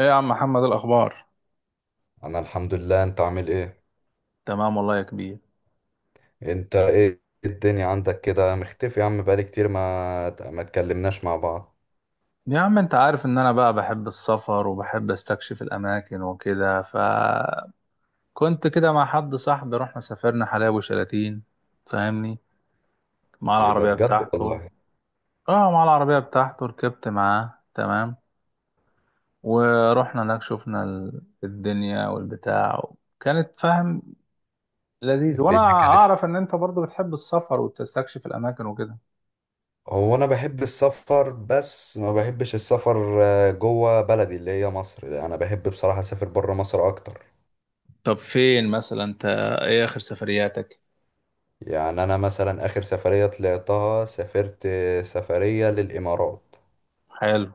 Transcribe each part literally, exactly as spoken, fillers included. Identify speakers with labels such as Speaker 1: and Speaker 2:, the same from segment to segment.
Speaker 1: ايه يا عم محمد، الاخبار؟
Speaker 2: انا الحمد لله. انت عامل ايه؟
Speaker 1: تمام والله يا كبير.
Speaker 2: انت ايه الدنيا عندك كده مختفي يا عم؟ بقالي كتير ما ما اتكلمناش مع بعض.
Speaker 1: يا عم، انت عارف ان انا بقى بحب السفر وبحب استكشف الاماكن وكده، فكنت كده مع حد صاحبي، رحنا سافرنا حلايب وشلاتين، فاهمني، مع
Speaker 2: إيه ده
Speaker 1: العربية
Speaker 2: بجد
Speaker 1: بتاعته.
Speaker 2: والله.
Speaker 1: اه، مع العربية بتاعته، ركبت معاه، تمام. ورحنا هناك، شفنا ال- الدنيا والبتاع، كانت فاهم، لذيذ. وانا
Speaker 2: الدنيا كانت
Speaker 1: اعرف ان انت برضو بتحب السفر وتستكشف الاماكن وكده.
Speaker 2: هو انا بحب السفر، بس ما بحبش السفر آه، جوه بلدي اللي هي مصر. لا، انا بحب بصراحة اسافر بره مصر اكتر.
Speaker 1: طب فين مثلا انت؟ ايه اخر سفرياتك؟
Speaker 2: يعني انا مثلا اخر سفرية طلعتها سافرت آه، سفرية للامارات.
Speaker 1: حلو.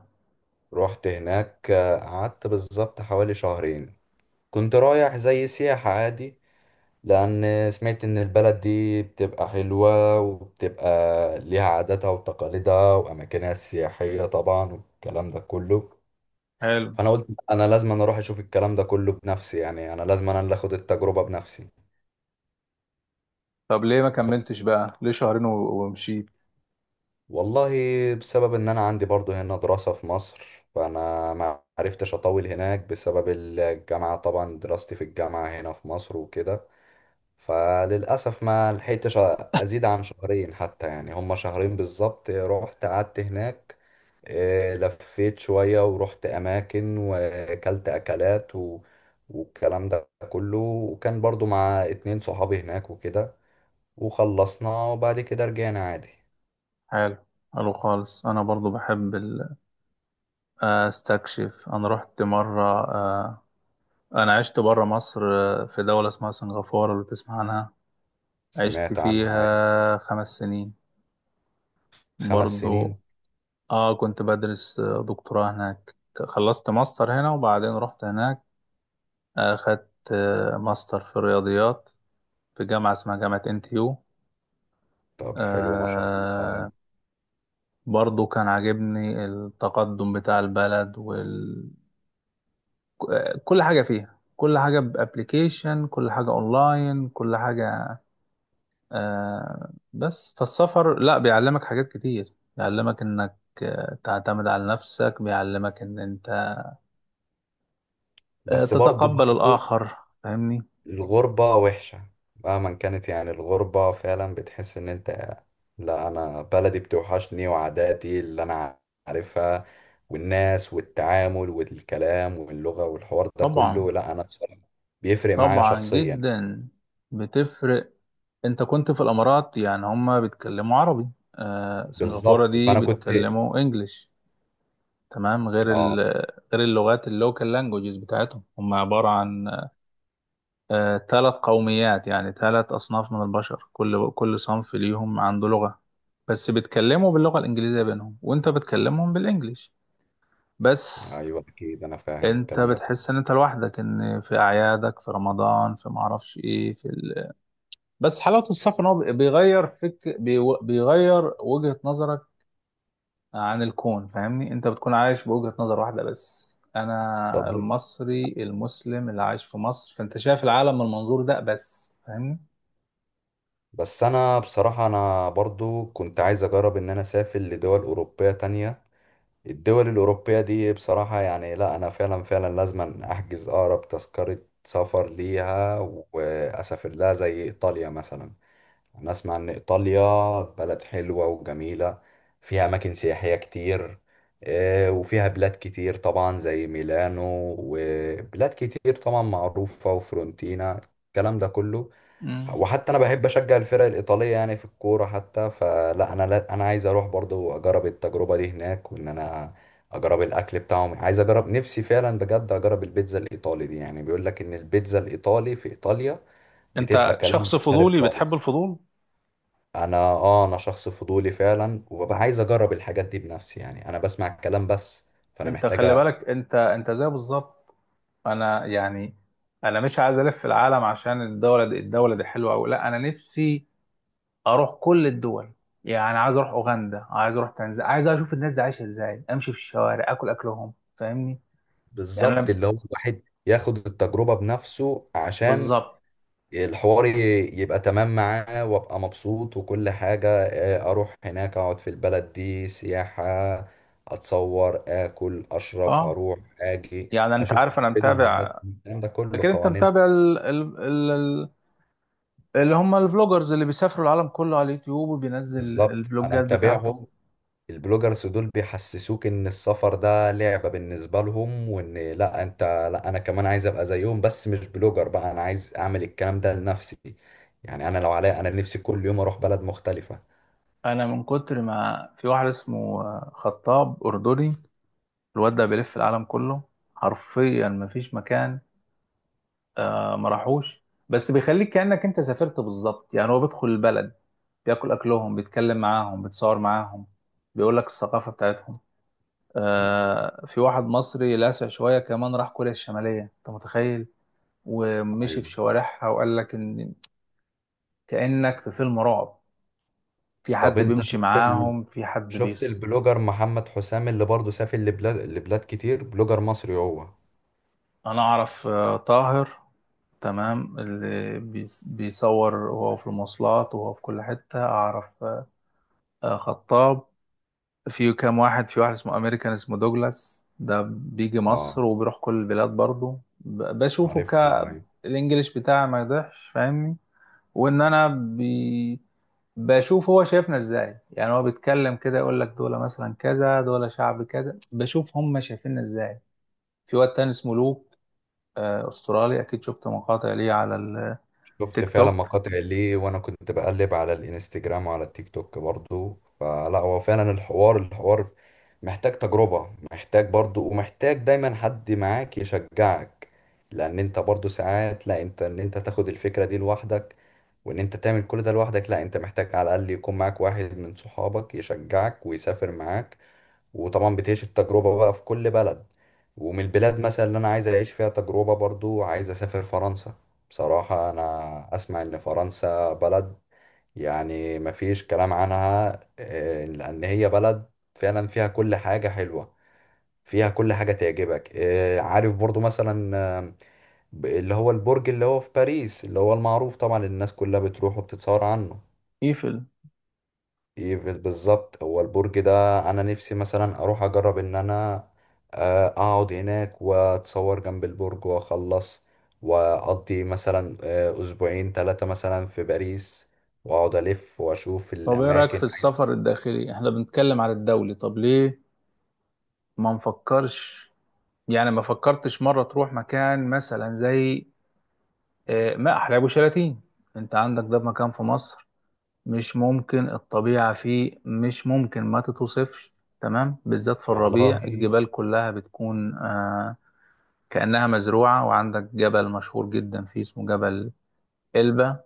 Speaker 2: رحت هناك، آه، قعدت بالظبط حوالي شهرين. كنت رايح زي سياحة عادي، لأن سمعت إن البلد دي بتبقى حلوة وبتبقى ليها عاداتها وتقاليدها وأماكنها السياحية طبعا والكلام ده كله.
Speaker 1: حلو.
Speaker 2: فأنا قلت أنا لازم أنا أروح أشوف الكلام ده كله بنفسي، يعني أنا لازم أنا اللي أخد التجربة بنفسي.
Speaker 1: طب ليه ما
Speaker 2: بس
Speaker 1: كملتش بقى؟ ليه شهرين و- ومشيت؟
Speaker 2: والله، بسبب إن أنا عندي برضو هنا دراسة في مصر، فأنا ما عرفتش أطول هناك بسبب الجامعة، طبعا دراستي في الجامعة هنا في مصر وكده. فللأسف ما لحقتش أزيد عن شهرين، حتى يعني هما شهرين بالظبط رحت قعدت هناك. آه، لفيت شوية ورحت أماكن وأكلت أكلات و... والكلام ده كله، وكان برضو مع اتنين صحابي هناك وكده. وخلصنا وبعد كده رجعنا عادي.
Speaker 1: حلو. حلو خالص، انا برضو بحب ال- آه، استكشف. انا رحت مره. آه، انا عشت بره مصر، آه، في دوله اسمها سنغافوره، لو تسمع عنها. عشت
Speaker 2: سمعت عنها.
Speaker 1: فيها خمس سنين
Speaker 2: خمس سنين؟
Speaker 1: برضو. اه، كنت بدرس آه، دكتوراه هناك. خلصت ماستر هنا وبعدين رحت هناك. اخدت آه، ماستر في الرياضيات، في جامعه اسمها جامعه انتيو.
Speaker 2: طب حلو ما شاء الله يعني.
Speaker 1: برضو كان عاجبني التقدم بتاع البلد وال... كل حاجة فيها، كل حاجة بأبليكيشن، كل حاجة أونلاين، كل حاجة. آه بس فالسفر، لا، بيعلمك حاجات كتير، بيعلمك إنك آه، تعتمد على نفسك، بيعلمك إن أنت آه
Speaker 2: بس برضو
Speaker 1: تتقبل
Speaker 2: برضو
Speaker 1: الآخر، فاهمني.
Speaker 2: الغربة وحشة، مهما كانت. يعني الغربة فعلا بتحس ان انت، لا، انا بلدي بتوحشني وعاداتي اللي انا عارفها والناس والتعامل والكلام واللغة والحوار ده
Speaker 1: طبعا.
Speaker 2: كله. لا، انا بصراحة بيفرق معايا
Speaker 1: طبعا
Speaker 2: شخصيا.
Speaker 1: جدا، بتفرق. أنت كنت في الإمارات، يعني هما بيتكلموا عربي. آه سنغافورة
Speaker 2: بالظبط،
Speaker 1: دي
Speaker 2: فانا كنت.
Speaker 1: بيتكلموا إنجليش، تمام، غير ال
Speaker 2: اه.
Speaker 1: غير اللغات اللوكال لانجوجز بتاعتهم، هم عبارة عن ثلاث قوميات، يعني ثلاث أصناف من البشر، كل كل صنف ليهم عنده لغة، بس بيتكلموا باللغة الإنجليزية بينهم، وأنت بتكلمهم بالإنجليش بس.
Speaker 2: ايوه، اكيد انا فاهم
Speaker 1: أنت
Speaker 2: الكلام ده كله.
Speaker 1: بتحس إن أنت لوحدك، إن في أعيادك، في رمضان، في معرفش إيه، في ال... بس حلاوة السفر إن هو بيغير فك، بي... بيغير وجهة نظرك عن الكون، فاهمني. انت بتكون عايش بوجهة نظر واحدة بس،
Speaker 2: طب،
Speaker 1: انا المصري المسلم اللي عايش في مصر، فانت شايف العالم من المنظور ده بس، فاهمني.
Speaker 2: بس انا بصراحة انا برضو كنت عايز اجرب ان انا اسافر لدول اوروبية تانية. الدول الأوروبية دي بصراحة يعني، لا، أنا فعلا فعلا لازم أحجز أقرب تذكرة سفر ليها، وأسافر لها زي إيطاليا مثلا. أنا أسمع إن إيطاليا بلد حلوة وجميلة، فيها أماكن سياحية كتير، آه، وفيها بلاد كتير طبعا زي ميلانو، وبلاد كتير طبعا معروفة وفرونتينا، الكلام ده كله.
Speaker 1: مم.
Speaker 2: وحتى انا بحب اشجع الفرق الايطاليه يعني في الكوره حتى، فلا انا لا انا عايز اروح برضو اجرب التجربه دي هناك، وان انا اجرب الاكل بتاعهم. عايز اجرب نفسي فعلا بجد، اجرب البيتزا الايطالي دي. يعني بيقول لك ان البيتزا الايطالي في ايطاليا بتبقى
Speaker 1: انت
Speaker 2: كلام
Speaker 1: شخص
Speaker 2: مختلف
Speaker 1: فضولي، بتحب
Speaker 2: خالص.
Speaker 1: الفضول.
Speaker 2: انا اه انا شخص فضولي فعلا، وببقى عايز اجرب الحاجات دي بنفسي. يعني انا بسمع الكلام بس، فانا
Speaker 1: انت خلي
Speaker 2: محتاجه.
Speaker 1: بالك، انت انت زي بالظبط انا، يعني. انا مش عايز الف في العالم عشان الدولة دي الدولة دي حلوة او لا، انا نفسي اروح كل الدول، يعني عايز اروح اوغندا، عايز اروح تنزانيا، عايز اشوف الناس دي عايشة ازاي، امشي في الشوارع، اكل اكلهم، فاهمني. يعني
Speaker 2: بالظبط
Speaker 1: انا،
Speaker 2: اللي هو الواحد ياخد التجربه بنفسه، عشان
Speaker 1: بالظبط.
Speaker 2: الحوار ي- يبقى تمام معاه وابقى مبسوط وكل حاجة. آه، اروح هناك، اقعد في البلد دي سياحة، اتصور، اكل، اشرب،
Speaker 1: اه،
Speaker 2: اروح، اجي،
Speaker 1: يعني انت
Speaker 2: اشوف
Speaker 1: عارف، انا
Speaker 2: تقاليدهم وعاداتهم،
Speaker 1: متابع.
Speaker 2: الكلام ده كله،
Speaker 1: اكيد انت متابع
Speaker 2: قوانين.
Speaker 1: ال... ال... ال... ال- اللي هم الفلوجرز اللي بيسافروا العالم كله على اليوتيوب، وبينزل
Speaker 2: بالظبط، انا
Speaker 1: الفلوجات بتاعته.
Speaker 2: متابعهم. البلوجرز دول بيحسسوك ان السفر ده لعبة بالنسبة لهم، وان لا، انت، لا، انا كمان عايز ابقى زيهم، بس مش بلوجر بقى، انا عايز اعمل الكلام ده لنفسي. يعني انا لو عليا، انا نفسي كل يوم اروح بلد مختلفة.
Speaker 1: انا من كتر ما، في واحد اسمه خطاب اردني، الواد ده بيلف العالم كله حرفيا، ما فيش مكان آه، ما راحوش، بس بيخليك كأنك انت سافرت بالظبط. يعني هو بيدخل البلد، بياكل اكلهم، بيتكلم معاهم، بيتصور معاهم، بيقول لك الثقافة بتاعتهم. آه، في واحد مصري لاسع شوية كمان، راح كوريا الشمالية، انت متخيل؟ ومشي في شوارعها وقال لك ان كأنك في فيلم رعب، في
Speaker 2: طب
Speaker 1: حد
Speaker 2: انت
Speaker 1: بيمشي
Speaker 2: شفت ال...
Speaker 1: معاهم، في حد
Speaker 2: شفت
Speaker 1: بيص...
Speaker 2: البلوجر محمد حسام اللي برضه سافر لبلاد لبلاد كتير؟ بلوجر مصري هو.
Speaker 1: انا اعرف، آه، طاهر، تمام، اللي بيص- بيصور وهو في المواصلات وهو في كل حتة، اعرف، آه، آه، خطاب. في كام واحد، في واحد اسمه امريكان، اسمه دوجلاس، ده بيجي
Speaker 2: اه.
Speaker 1: مصر وبيروح كل البلاد برضه، ب- بشوفه ك،
Speaker 2: عارفه معايا.
Speaker 1: الانجليش بتاعي ما يضحش، فاهمني، وان انا بي... بشوف هو شايفنا ازاي، يعني هو بيتكلم كده يقول لك دول مثلا كذا، دول شعب كذا، بشوف هم شايفيننا ازاي. في واد تاني اسمه لوك، آه، استرالي، اكيد شفت مقاطع ليه على
Speaker 2: شفت
Speaker 1: التيك
Speaker 2: فعلا
Speaker 1: توك.
Speaker 2: مقاطع ليه، وانا كنت بقلب على الانستجرام وعلى التيك توك برضه، فلا هو فعلا الحوار الحوار محتاج تجربة، محتاج برضه، ومحتاج دايما حد معاك يشجعك، لان انت برضه ساعات، لا، انت ان انت تاخد الفكرة دي لوحدك، وان انت تعمل كل ده لوحدك، لا، انت محتاج على الاقل يكون معاك واحد من صحابك يشجعك ويسافر معاك، وطبعا بتعيش التجربة بقى في كل بلد. ومن البلاد مثلا اللي انا عايز اعيش فيها تجربة برضو، عايز اسافر فرنسا. بصراحة انا اسمع ان فرنسا بلد يعني مفيش كلام عنها، آه، لان هي بلد فعلا فيها كل حاجة حلوة، فيها كل حاجة تعجبك. آه، عارف برضو مثلا آه، ب- اللي هو البرج اللي هو في باريس، اللي هو المعروف طبعا الناس كلها بتروح وبتتصور عنه.
Speaker 1: ايفل.
Speaker 2: ايفل، بالظبط، هو البرج ده. انا نفسي مثلا اروح اجرب ان انا، آه، اقعد هناك واتصور جنب البرج واخلص، واقضي مثلا آه، اسبوعين ثلاثة مثلا في باريس، واقعد الف واشوف
Speaker 1: طب ايه رايك في
Speaker 2: الاماكن.
Speaker 1: السفر الداخلي؟ احنا بنتكلم على الدولي، طب ليه ما نفكرش؟ يعني ما فكرتش مره تروح مكان مثلا زي، آه، ما احلى ابو شلاتين، انت عندك ده مكان في مصر، مش ممكن، الطبيعة فيه مش ممكن ما تتوصفش، تمام، بالذات في
Speaker 2: والله.
Speaker 1: الربيع الجبال كلها بتكون، آه كأنها مزروعة. وعندك جبل مشهور جدا فيه اسمه جبل إلبة،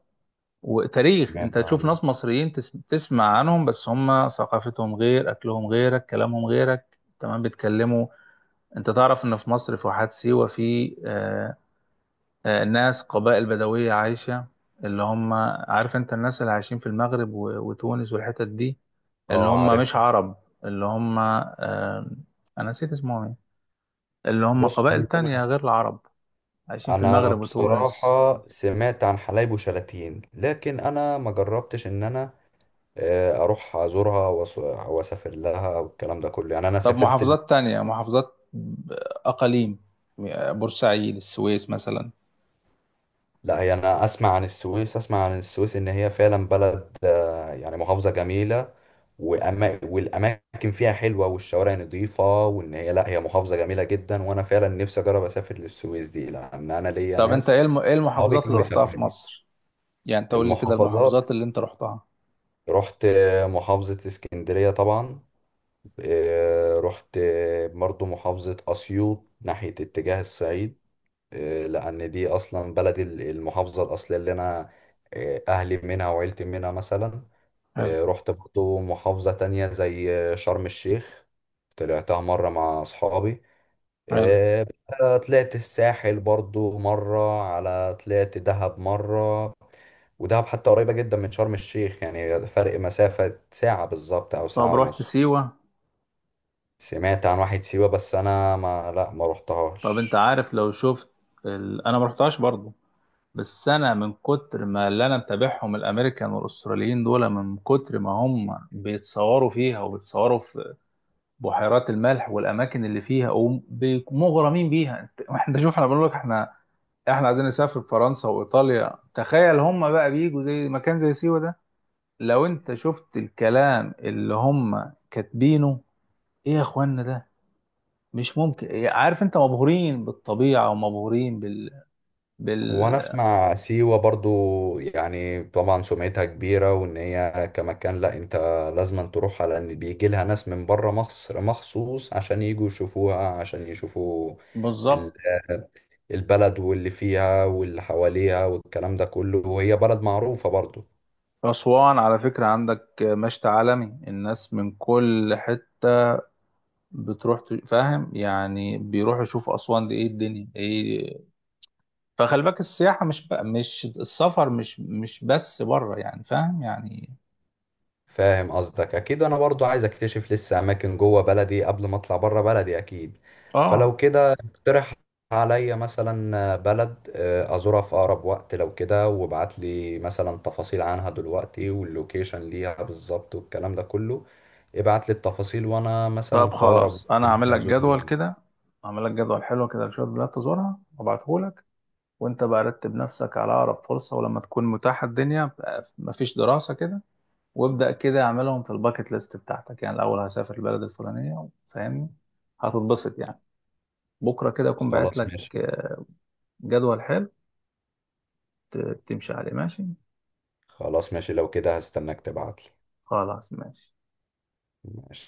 Speaker 1: وتاريخ، انت
Speaker 2: سمعت
Speaker 1: تشوف
Speaker 2: عنه.
Speaker 1: ناس مصريين تس- تسمع عنهم، بس هم ثقافتهم غير، أكلهم غيرك، كلامهم غيرك، تمام، بيتكلموا. انت تعرف ان في مصر في واحات سيوة، في، آه آه ناس قبائل بدوية عايشة، اللي هم، عارف انت الناس اللي عايشين في المغرب و- وتونس والحتت دي، اللي
Speaker 2: اه،
Speaker 1: هم
Speaker 2: عارف.
Speaker 1: مش عرب، اللي هم، آه، انا نسيت اسمهم ايه، اللي هم
Speaker 2: بص،
Speaker 1: قبائل
Speaker 2: هو انا
Speaker 1: تانية غير العرب، عايشين في
Speaker 2: انا
Speaker 1: المغرب وتونس.
Speaker 2: بصراحة سمعت عن حلايب وشلاتين، لكن انا ما جربتش ان انا، آه، اروح ازورها وأس- واسافر لها والكلام ده كله. يعني انا
Speaker 1: طب
Speaker 2: سافرت.
Speaker 1: محافظات تانية، محافظات ب- اقاليم، بورسعيد، السويس مثلا.
Speaker 2: لا، هي انا اسمع عن السويس اسمع عن السويس ان هي فعلا بلد، آه، يعني محافظة جميلة، وأما والاماكن فيها حلوة والشوارع نظيفة، وان هي، لا، هي محافظة جميلة جدا، وانا فعلا نفسي اجرب اسافر للسويس دي، لان انا ليا
Speaker 1: طب انت
Speaker 2: ناس
Speaker 1: ايه الم- إيه
Speaker 2: صحابي
Speaker 1: المحافظات
Speaker 2: كانوا
Speaker 1: اللي رحتها في
Speaker 2: بيسافروا لي.
Speaker 1: مصر؟ يعني تقول لي كده
Speaker 2: المحافظات،
Speaker 1: المحافظات اللي انت رحتها.
Speaker 2: رحت محافظة اسكندرية طبعا، آه، رحت برضو محافظة اسيوط ناحية اتجاه الصعيد، آه، لأن دي أصلا بلدي ال- المحافظة الأصلية اللي أنا، آه، أهلي منها وعيلتي منها مثلا.
Speaker 1: حلو.
Speaker 2: آه، رحت برضو محافظة تانية زي آه، شرم الشيخ، طلعتها مرة مع أصحابي.
Speaker 1: حلو.
Speaker 2: آه، بقى طلعت الساحل برضو مرة، على طلعت دهب مرة. ودهب حتى قريبة جدا من شرم الشيخ، يعني فرق مسافة ساعة بالظبط أو
Speaker 1: طب
Speaker 2: ساعة
Speaker 1: رحت
Speaker 2: ونص.
Speaker 1: سيوة؟
Speaker 2: سمعت عن واحد سيوة، بس أنا ما لا ما
Speaker 1: طب انت
Speaker 2: رحتهاش.
Speaker 1: عارف، لو شفت ال... انا ما رحتهاش برضو، بس انا من كتر ما، اللي انا متابعهم الامريكان والاستراليين دول، من كتر ما هم بيتصوروا فيها وبيتصوروا في بحيرات الملح والاماكن اللي فيها، ومغرمين بيها، انت، احنا شوف، احنا بنقول لك، احنا احنا عايزين نسافر فرنسا وايطاليا، تخيل هم بقى بيجوا زي مكان زي سيوة ده. لو انت شفت الكلام اللي هم كاتبينه، ايه يا اخوانا ده، مش ممكن، عارف انت، مبهورين بالطبيعة، ومبهورين بال...
Speaker 2: وانا
Speaker 1: بال...
Speaker 2: اسمع سيوة برضو، يعني طبعا سمعتها كبيرة، وان هي كمكان، لا، انت لازم تروحها، لان بيجي لها ناس من بره مصر مخصوص عشان يجوا يشوفوها، عشان يشوفوا ال-
Speaker 1: بالظبط.
Speaker 2: البلد واللي فيها واللي حواليها والكلام ده كله، وهي بلد معروفة برضو.
Speaker 1: أسوان على فكرة عندك مشت عالمي، الناس من كل حتة بتروح، ت- فاهم يعني، بيروحوا يشوفوا أسوان دي، إيه الدنيا إيه. فخلي بالك، السياحة مش بقى، مش السفر، مش مش بس بره، يعني فاهم يعني.
Speaker 2: فاهم قصدك. اكيد انا برضو عايز اكتشف لسه اماكن جوه بلدي قبل ما اطلع بره بلدي اكيد. فلو
Speaker 1: آه
Speaker 2: كده اقترح عليا مثلا بلد آه، ازورها في اقرب وقت لو كده، وابعت لي مثلا تفاصيل عنها دلوقتي واللوكيشن ليها بالظبط والكلام ده كله. ابعت لي التفاصيل، وانا مثلا
Speaker 1: طب
Speaker 2: في اقرب
Speaker 1: خلاص،
Speaker 2: وقت
Speaker 1: أنا هعمل
Speaker 2: ممكن
Speaker 1: لك
Speaker 2: ازور
Speaker 1: جدول
Speaker 2: البلد.
Speaker 1: كده. هعمل لك جدول حلو كده لشوية بلاد تزورها، وأبعته لك، وأنت بقى رتب نفسك على أقرب فرصة، ولما تكون متاحة الدنيا بقى، مفيش دراسة كده، وابدأ كده اعملهم في الباكت ليست بتاعتك، يعني الأول هسافر البلد الفلانية، فاهمني، هتتبسط يعني. بكرة كده أكون باعت
Speaker 2: خلاص
Speaker 1: لك
Speaker 2: ماشي.
Speaker 1: آه، جدول حلو ت- تمشي عليه، ماشي.
Speaker 2: خلاص ماشي، لو كده هستناك تبعت لي.
Speaker 1: خلاص ماشي.
Speaker 2: ماشي.